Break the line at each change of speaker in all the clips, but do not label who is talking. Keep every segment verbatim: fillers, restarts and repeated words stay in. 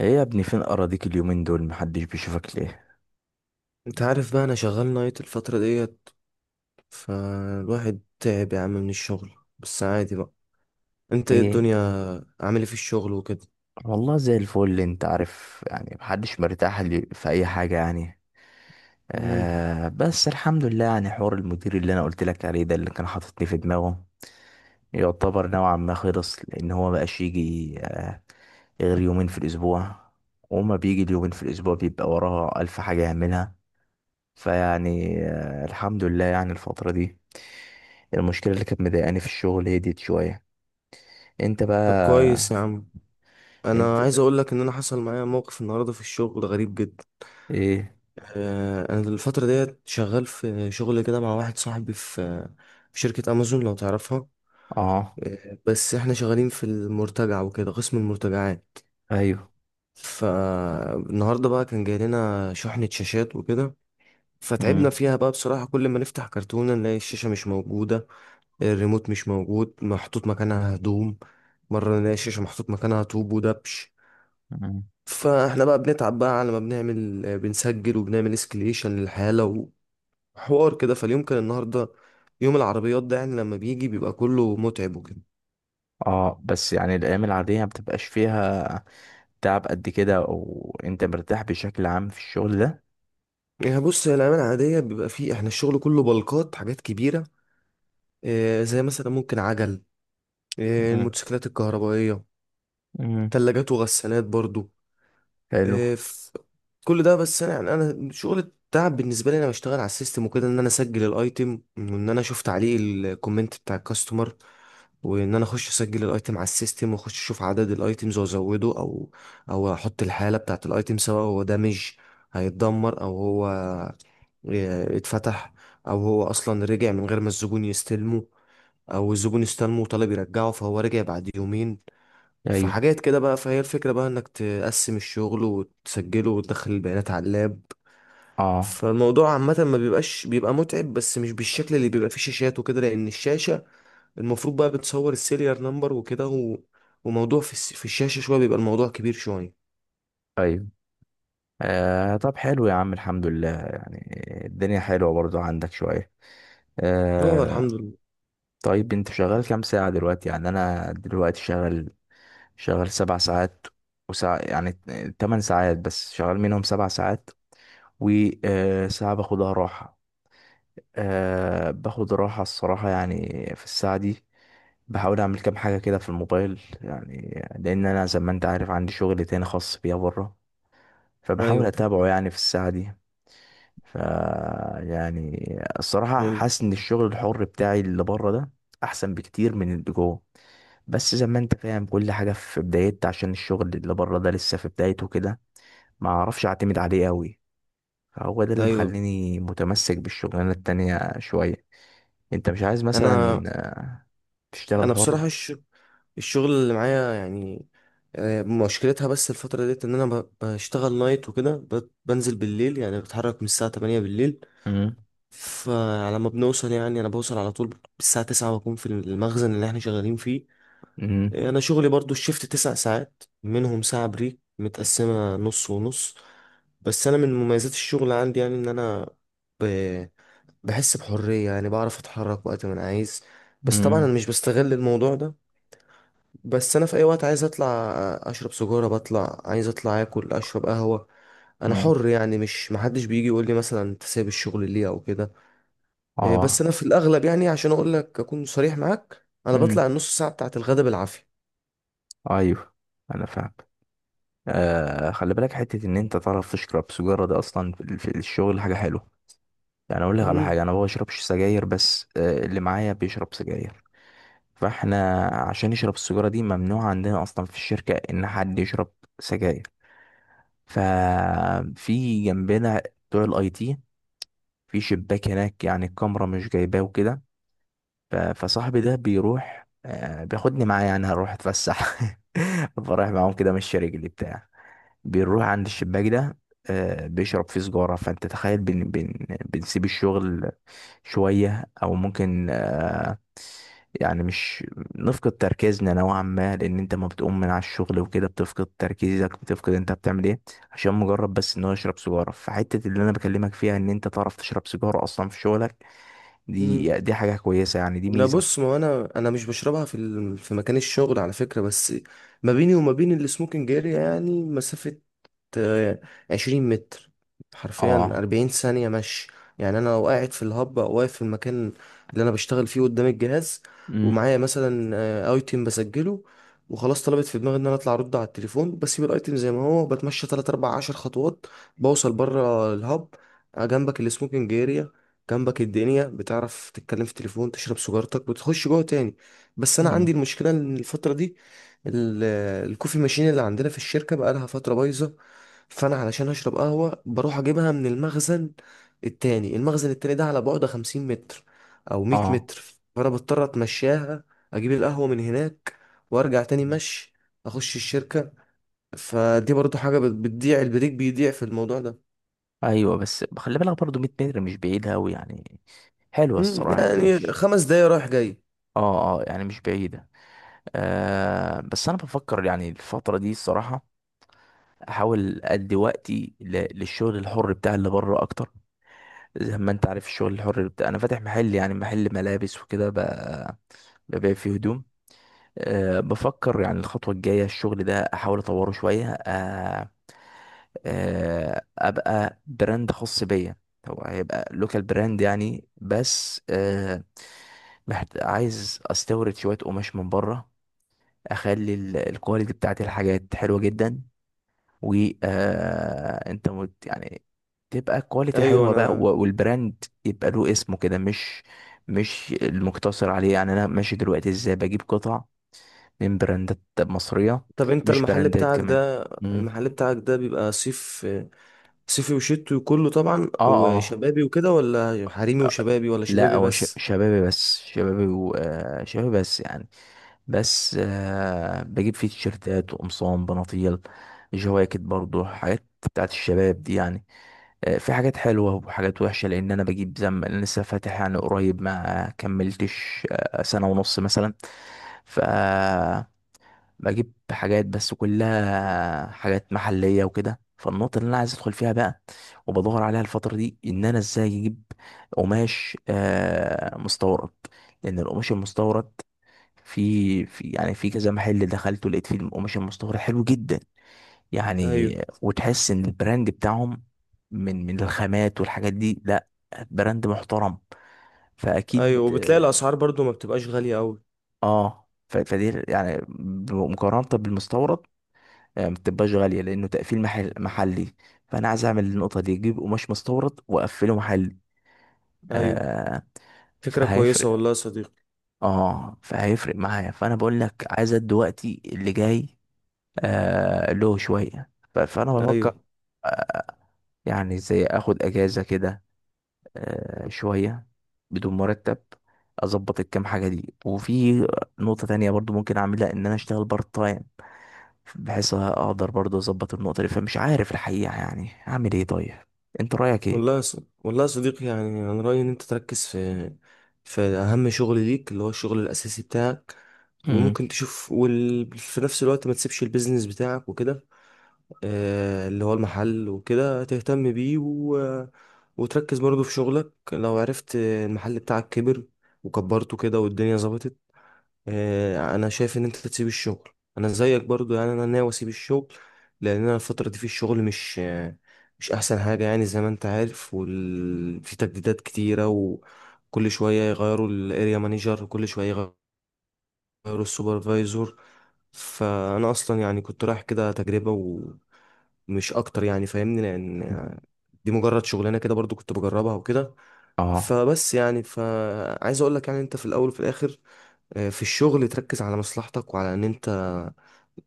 ايه يا ابني؟ فين اراضيك؟ اليومين دول محدش بيشوفك ليه؟
انت عارف بقى انا شغال نايت الفترة ديت، فالواحد تعب يا عم من الشغل. بس عادي بقى. انت ايه
ايه؟
الدنيا؟ عامل ايه في الشغل وكده؟
والله زي الفل، اللي انت عارف يعني محدش مرتاح لي في اي حاجة يعني.
مم.
آه بس الحمد لله، يعني حوار المدير اللي انا قلت لك عليه ده، اللي كان حاططني في دماغه، يعتبر نوعا ما خلص، لان هو مبقاش يجي آه غير يومين في الاسبوع، وما بيجي اليومين في الاسبوع بيبقى وراه الف حاجة يعملها. فيعني آه الحمد لله يعني الفترة دي المشكلة اللي كانت مضايقاني في الشغل هديت شوية. انت
طب كويس
بقى؟
يا عم.
انت
انا عايز اقول لك ان انا حصل معايا موقف النهارده في الشغل غريب جدا.
ايه؟
آه، انا الفترة ديت شغال في شغل كده مع واحد صاحبي في في شركة امازون لو تعرفها.
اه.
آه، بس احنا شغالين في المرتجع وكده، قسم المرتجعات.
ايوه.
فالنهارده بقى كان جاي لنا شحنة شاشات وكده، فتعبنا
مم.
فيها بقى بصراحة. كل ما نفتح كرتونة نلاقي الشاشة مش موجودة، الريموت مش موجود، محطوط مكانها هدوم. مرة نلاقي الشاشة محطوط مكانها طوب ودبش.
مم.
فاحنا بقى بنتعب بقى على ما بنعمل، بنسجل وبنعمل اسكليشن للحالة وحوار كده. فاليوم كان النهاردة يوم العربيات ده، يعني لما بيجي بيبقى كله متعب وكده.
اه بس يعني الايام العاديه ما بتبقاش فيها تعب قد كده، او انت مرتاح بشكل عام في الشغل ده؟
يعني بص، هي الأيام العادية بيبقى فيه احنا الشغل كله بلقات حاجات كبيرة. آه، زي مثلا ممكن عجل، آه،
مم.
الموتوسيكلات الكهربائية،
مم.
تلاجات وغسالات برضو.
حلو.
آه، كل ده. بس انا يعني انا شغل التعب بالنسبه لي، انا بشتغل على السيستم وكده، ان انا اسجل الايتم وان انا اشوف تعليق الكومنت بتاع الكاستمر، وان انا اخش اسجل الايتم على السيستم واخش اشوف عدد الايتمز وازوده، او او احط الحاله بتاعت الايتم، سواء هو دامج هيتدمر، او هو اه، اتفتح، او هو اصلا رجع من غير ما الزبون يستلمه، او الزبون استلمه وطلب يرجعه فهو رجع بعد يومين.
ايوه.
فحاجات كده بقى. فهي الفكره بقى انك تقسم الشغل وتسجله وتدخل البيانات على اللاب.
اه.
فالموضوع عامة ما بيبقاش، بيبقى متعب بس مش بالشكل اللي بيبقى فيه شاشات وكده، لأن الشاشة المفروض بقى بتصور السيريال نمبر وكده و... وموضوع في, الس... في الشاشة شوية بيبقى الموضوع كبير شوية.
ايوه. آه طب حلو يا عم، الحمد لله، يعني الدنيا حلوه برضو عندك شويه.
اه
آه.
الحمد لله.
طيب انت شغال كام ساعه دلوقتي؟ يعني انا دلوقتي شغال، شغال سبع ساعات وساعة، يعني تمن ساعات بس شغال منهم سبع ساعات وساعة باخدها راحة. آه، باخد راحة الصراحة يعني في الساعة دي. بحاول أعمل كام حاجة كده في الموبايل، يعني لأن أنا زي ما أنت عارف عندي شغل تاني خاص بيا بره، فبحاول
ايوه
أتابعه يعني في الساعة دي. ف يعني الصراحة
حلو.
حاسس إن الشغل الحر بتاعي اللي بره ده أحسن بكتير من اللي جوه. بس زي ما انت فاهم، كل حاجة في بدايتها، عشان الشغل اللي بره ده لسه في بدايته كده، ما اعرفش اعتمد عليه قوي. هو ده اللي
ايوه
مخليني متمسك بالشغلانة التانية شوية. انت مش عايز
انا
مثلا آه، تشتغل
انا
حر؟
بصراحة الش... الشغل اللي معايا يعني آه، مشكلتها بس الفترة ديت ان انا ب- بشتغل نايت وكده، ب- بنزل بالليل يعني، بتحرك من الساعة تمانية بالليل.
امم.
فعلى ما بنوصل يعني انا بوصل على طول الساعة تسعة بكون في المخزن اللي احنا شغالين فيه.
امم.
انا شغلي برضو الشيفت تسع ساعات، منهم ساعة بريك متقسمة نص ونص. بس انا من مميزات الشغل عندي، يعني ان انا ب... بحس بحرية، يعني بعرف اتحرك وقت ما انا عايز. بس طبعا انا
امم.
مش بستغل الموضوع ده. بس انا في اي وقت عايز اطلع اشرب سيجارة بطلع، عايز اطلع اكل اشرب قهوة. انا
امم.
حر يعني، مش محدش بيجي يقول لي مثلا انت سايب الشغل ليه او كده. إيه، بس
اه.
انا في الاغلب يعني، عشان اقول لك اكون صريح معاك، انا بطلع
امم.
النص ساعة بتاعت الغدا بالعافية.
ايوه انا فاهم. آه خلي بالك حتة ان انت تعرف تشرب سجارة ده اصلا في في الشغل حاجة حلوة. يعني اقول لك على حاجة، انا ما بشربش سجاير، بس آه اللي معايا بيشرب سجاير. فاحنا عشان يشرب السجارة دي، ممنوع عندنا اصلا في الشركة ان حد يشرب سجاير. ففي جنبنا بتوع الاي تي في شباك هناك، يعني الكاميرا مش جايباه وكده. ف- فصاحبي ده بيروح، آه، بياخدني معاه، يعني هروح اتفسح. بروح معاهم كده مش رجلي بتاع، بنروح عند الشباك ده، آه، بيشرب فيه سجارة. فانت تخيل، بن بن بنسيب الشغل شوية، او ممكن آه، يعني مش نفقد تركيزنا نوعا ما، لان انت ما بتقوم من على الشغل وكده بتفقد تركيزك، بتفقد انت بتعمل ايه، عشان مجرد بس ان هو يشرب سيجاره. فحته اللي انا بكلمك فيها ان انت تعرف تشرب سيجاره اصلا في شغلك
امم
دي دي حاجة كويسة يعني، دي
لا
ميزة في-.
بص، ما هو انا انا مش بشربها في ال- في مكان الشغل على فكره، بس ما بيني وما بين السموكنج اريا يعني مسافه آه، عشرين متر، حرفيا
اه.
أربعين ثانية مشي. يعني أنا لو قاعد في الهب، أو واقف في المكان اللي أنا بشتغل فيه قدام الجهاز
امم.
ومعايا مثلا آه، أيتم بسجله، وخلاص طلبت في دماغي إن أنا أطلع أرد على التليفون، بسيب الأيتم زي ما هو، بتمشى تلات أربع عشر خطوات بوصل بره الهب. آه، جنبك السموكينج اريا، جنبك الدنيا، بتعرف تتكلم في التليفون، تشرب سيجارتك، وتخش جوه تاني. بس أنا عندي
امم.
المشكلة إن الفترة دي ال- الكوفي ماشين اللي عندنا في الشركة بقالها فترة بايظة، فانا علشان اشرب قهوه بروح اجيبها من المخزن التاني. المخزن التاني ده على بعد 50 متر او 100
اه
متر، فانا بضطر اتمشاها، اجيب القهوه من هناك وارجع تاني مشي اخش الشركه. فدي برضو حاجه بت- بتضيع، البريك بيضيع في الموضوع ده.
ايوه، بس خلي بالك برضو مية متر مش بعيدة أوي يعني، حلوة
مم،
الصراحة، يعني
يعني
مش.
خمس دقايق رايح جاي.
اه. اه يعني مش بعيدة. آه بس انا بفكر يعني الفترة دي الصراحة احاول ادي وقتي ل- للشغل الحر بتاع اللي بره اكتر. زي ما انت عارف، الشغل الحر بتاع انا فاتح محل، يعني محل ملابس وكده، ب- ببيع فيه هدوم. أه بفكر يعني الخطوة الجاية الشغل ده أحاول أطوره شوية أه، آه، ابقى براند خاص بيا. هو هيبقى لوكال براند يعني، بس آه، محت... عايز استورد شويه قماش من بره، اخلي ال- الكواليتي بتاعت الحاجات حلوه جدا. و آه، انت مت... يعني تبقى كواليتي
ايوه
حلوه بقى
انا
و- والبراند يبقى له اسمه كده، مش مش المقتصر عليه، يعني انا ماشي دلوقتي ازاي؟ بجيب قطع من براندات مصريه،
طب انت
مش
المحل
براندات
بتاعك
كمان.
ده،
مم.
المحل بتاعك ده بيبقى صيف صيفي وشتوي كله طبعا،
اه.
وشبابي وكده، ولا حريمي
اه.
وشبابي، ولا
لا
شبابي
هو ش-
بس؟
شبابي بس، شبابي و... آه، شبابي بس يعني. بس آه، بجيب فيه تيشيرتات وقمصان بناطيل جواكت، برضو حاجات بتاعت الشباب دي يعني. آه، في حاجات حلوة وحاجات وحشة، لأن أنا بجيب زم، أنا لسه فاتح يعني قريب، ما كملتش آه، سنة ونص مثلا. ف بجيب حاجات، بس كلها حاجات محلية وكده. فالنقطة اللي أنا عايز أدخل فيها بقى، وبدور عليها الفترة دي، إن أنا إزاي أجيب قماش آه مستورد، لأن القماش المستورد في في يعني في كذا محل دخلته لقيت فيه القماش المستورد حلو جدا
ايوه.
يعني. وتحس إن البراند بتاعهم من من الخامات والحاجات دي، لا براند محترم،
ايوه
فأكيد
وبتلاقي
آه.
الاسعار برضو ما بتبقاش غالية قوي.
آه، ف- فدي يعني مقارنة بالمستورد، آه، ما بتبقاش غالية، لأنه تقفيل محل محلي. فأنا عايز أعمل النقطة دي، أجيب قماش مستورد وأقفله محلي.
ايوه،
آه.
فكرة كويسة
فهيفرق.
والله يا صديقي.
اه فهيفرق معايا. فأنا بقول لك عايز أدي وقتي اللي جاي آه له شوية. ف- فأنا بفكر
ايوه
يعني زي أخد أجازة كده آه شوية بدون مرتب، أظبط الكام حاجة دي. وفي نقطة تانية برضو ممكن أعملها، إن أنا أشتغل بارت تايم، بحيث اقدر برضه اظبط النقطه دي. فمش عارف الحقيقه يعني اعمل ايه. طيب انت رايك ايه؟
والله يا ص... والله يا صديقي، يعني انا رأيي ان انت تركز في في اهم شغل ليك، اللي هو الشغل الاساسي بتاعك.
امم.
وممكن تشوف وال... في نفس الوقت ما تسيبش البيزنس بتاعك وكده، آه اللي هو المحل وكده، تهتم بيه و... وتركز برضو في شغلك. لو عرفت المحل بتاعك كبر وكبرته كده والدنيا ظبطت، آه، انا شايف ان انت تسيب الشغل. انا زيك برضو يعني، انا ناوي اسيب الشغل لان انا الفتره دي في الشغل مش آه، مش احسن حاجه يعني زي ما انت عارف، وال... في تجديدات كتيره، وكل شويه يغيروا الاريا مانجر، وكل شويه يغيروا السوبرفايزور. فانا اصلا يعني كنت رايح كده تجربه ومش اكتر يعني، فاهمني، لان آه، دي مجرد شغلانه كده برضو كنت بجربها وكده.
اه.
فبس يعني، فعايز اقول لك يعني، انت في الاول وفي الاخر آه، في الشغل تركز على مصلحتك، وعلى ان انت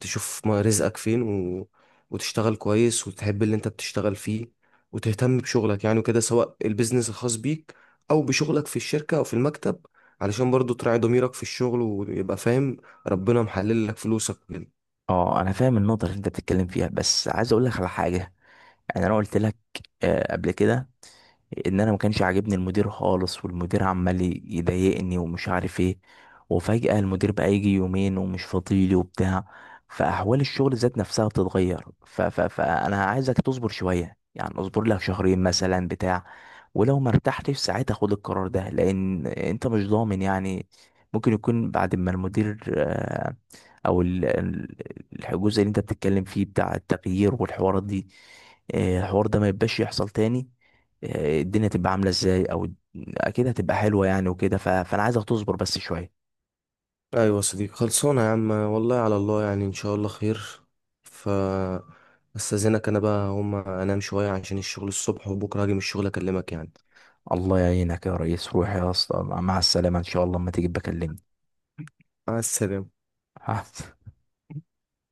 تشوف ما- رزقك فين و... وتشتغل كويس، وتحب اللي انت بتشتغل فيه، وتهتم بشغلك يعني وكده، سواء البيزنس الخاص بيك او بشغلك في الشركة او في المكتب، علشان برضو تراعي ضميرك في الشغل ويبقى فاهم ربنا محلل لك فلوسك كده.
اه انا فاهم النقطه اللي انت بتتكلم فيها، بس عايز اقول لك على حاجه. يعني انا قلت لك آه قبل كده ان انا ما كانش عاجبني المدير خالص، والمدير عمال يضايقني ومش عارف ايه. وفجأة المدير بقى يجي يومين ومش فاضيلي وبتاع. فاحوال الشغل ذات نفسها بتتغير. ف ف فانا عايزك تصبر شوية، يعني اصبر لك شهرين مثلا بتاع. ولو ما ارتحتش ساعتها خد القرار ده، لان انت مش ضامن يعني، ممكن يكون بعد ما المدير آه، او ال- ال- الجزء اللي انت بتتكلم فيه بتاع التغيير والحوارات دي، آه، الحوار ده ما يبقاش يحصل تاني، آه، الدنيا تبقى عاملة ازاي، او الد- اكيد هتبقى حلوة يعني وكده. ف... فانا عايزك تصبر بس شوية.
ايوه يا صديقي، خلصانه يا عم، والله على الله، يعني ان شاء الله خير. ف استاذنك انا بقى، هم انام شويه عشان الشغل الصبح، وبكره هاجي من الشغل اكلمك يعني.
الله يعينك يا ريس، روح يا اسطى مع السلامة، ان شاء الله اما تيجي بكلمني.
مع السلامه.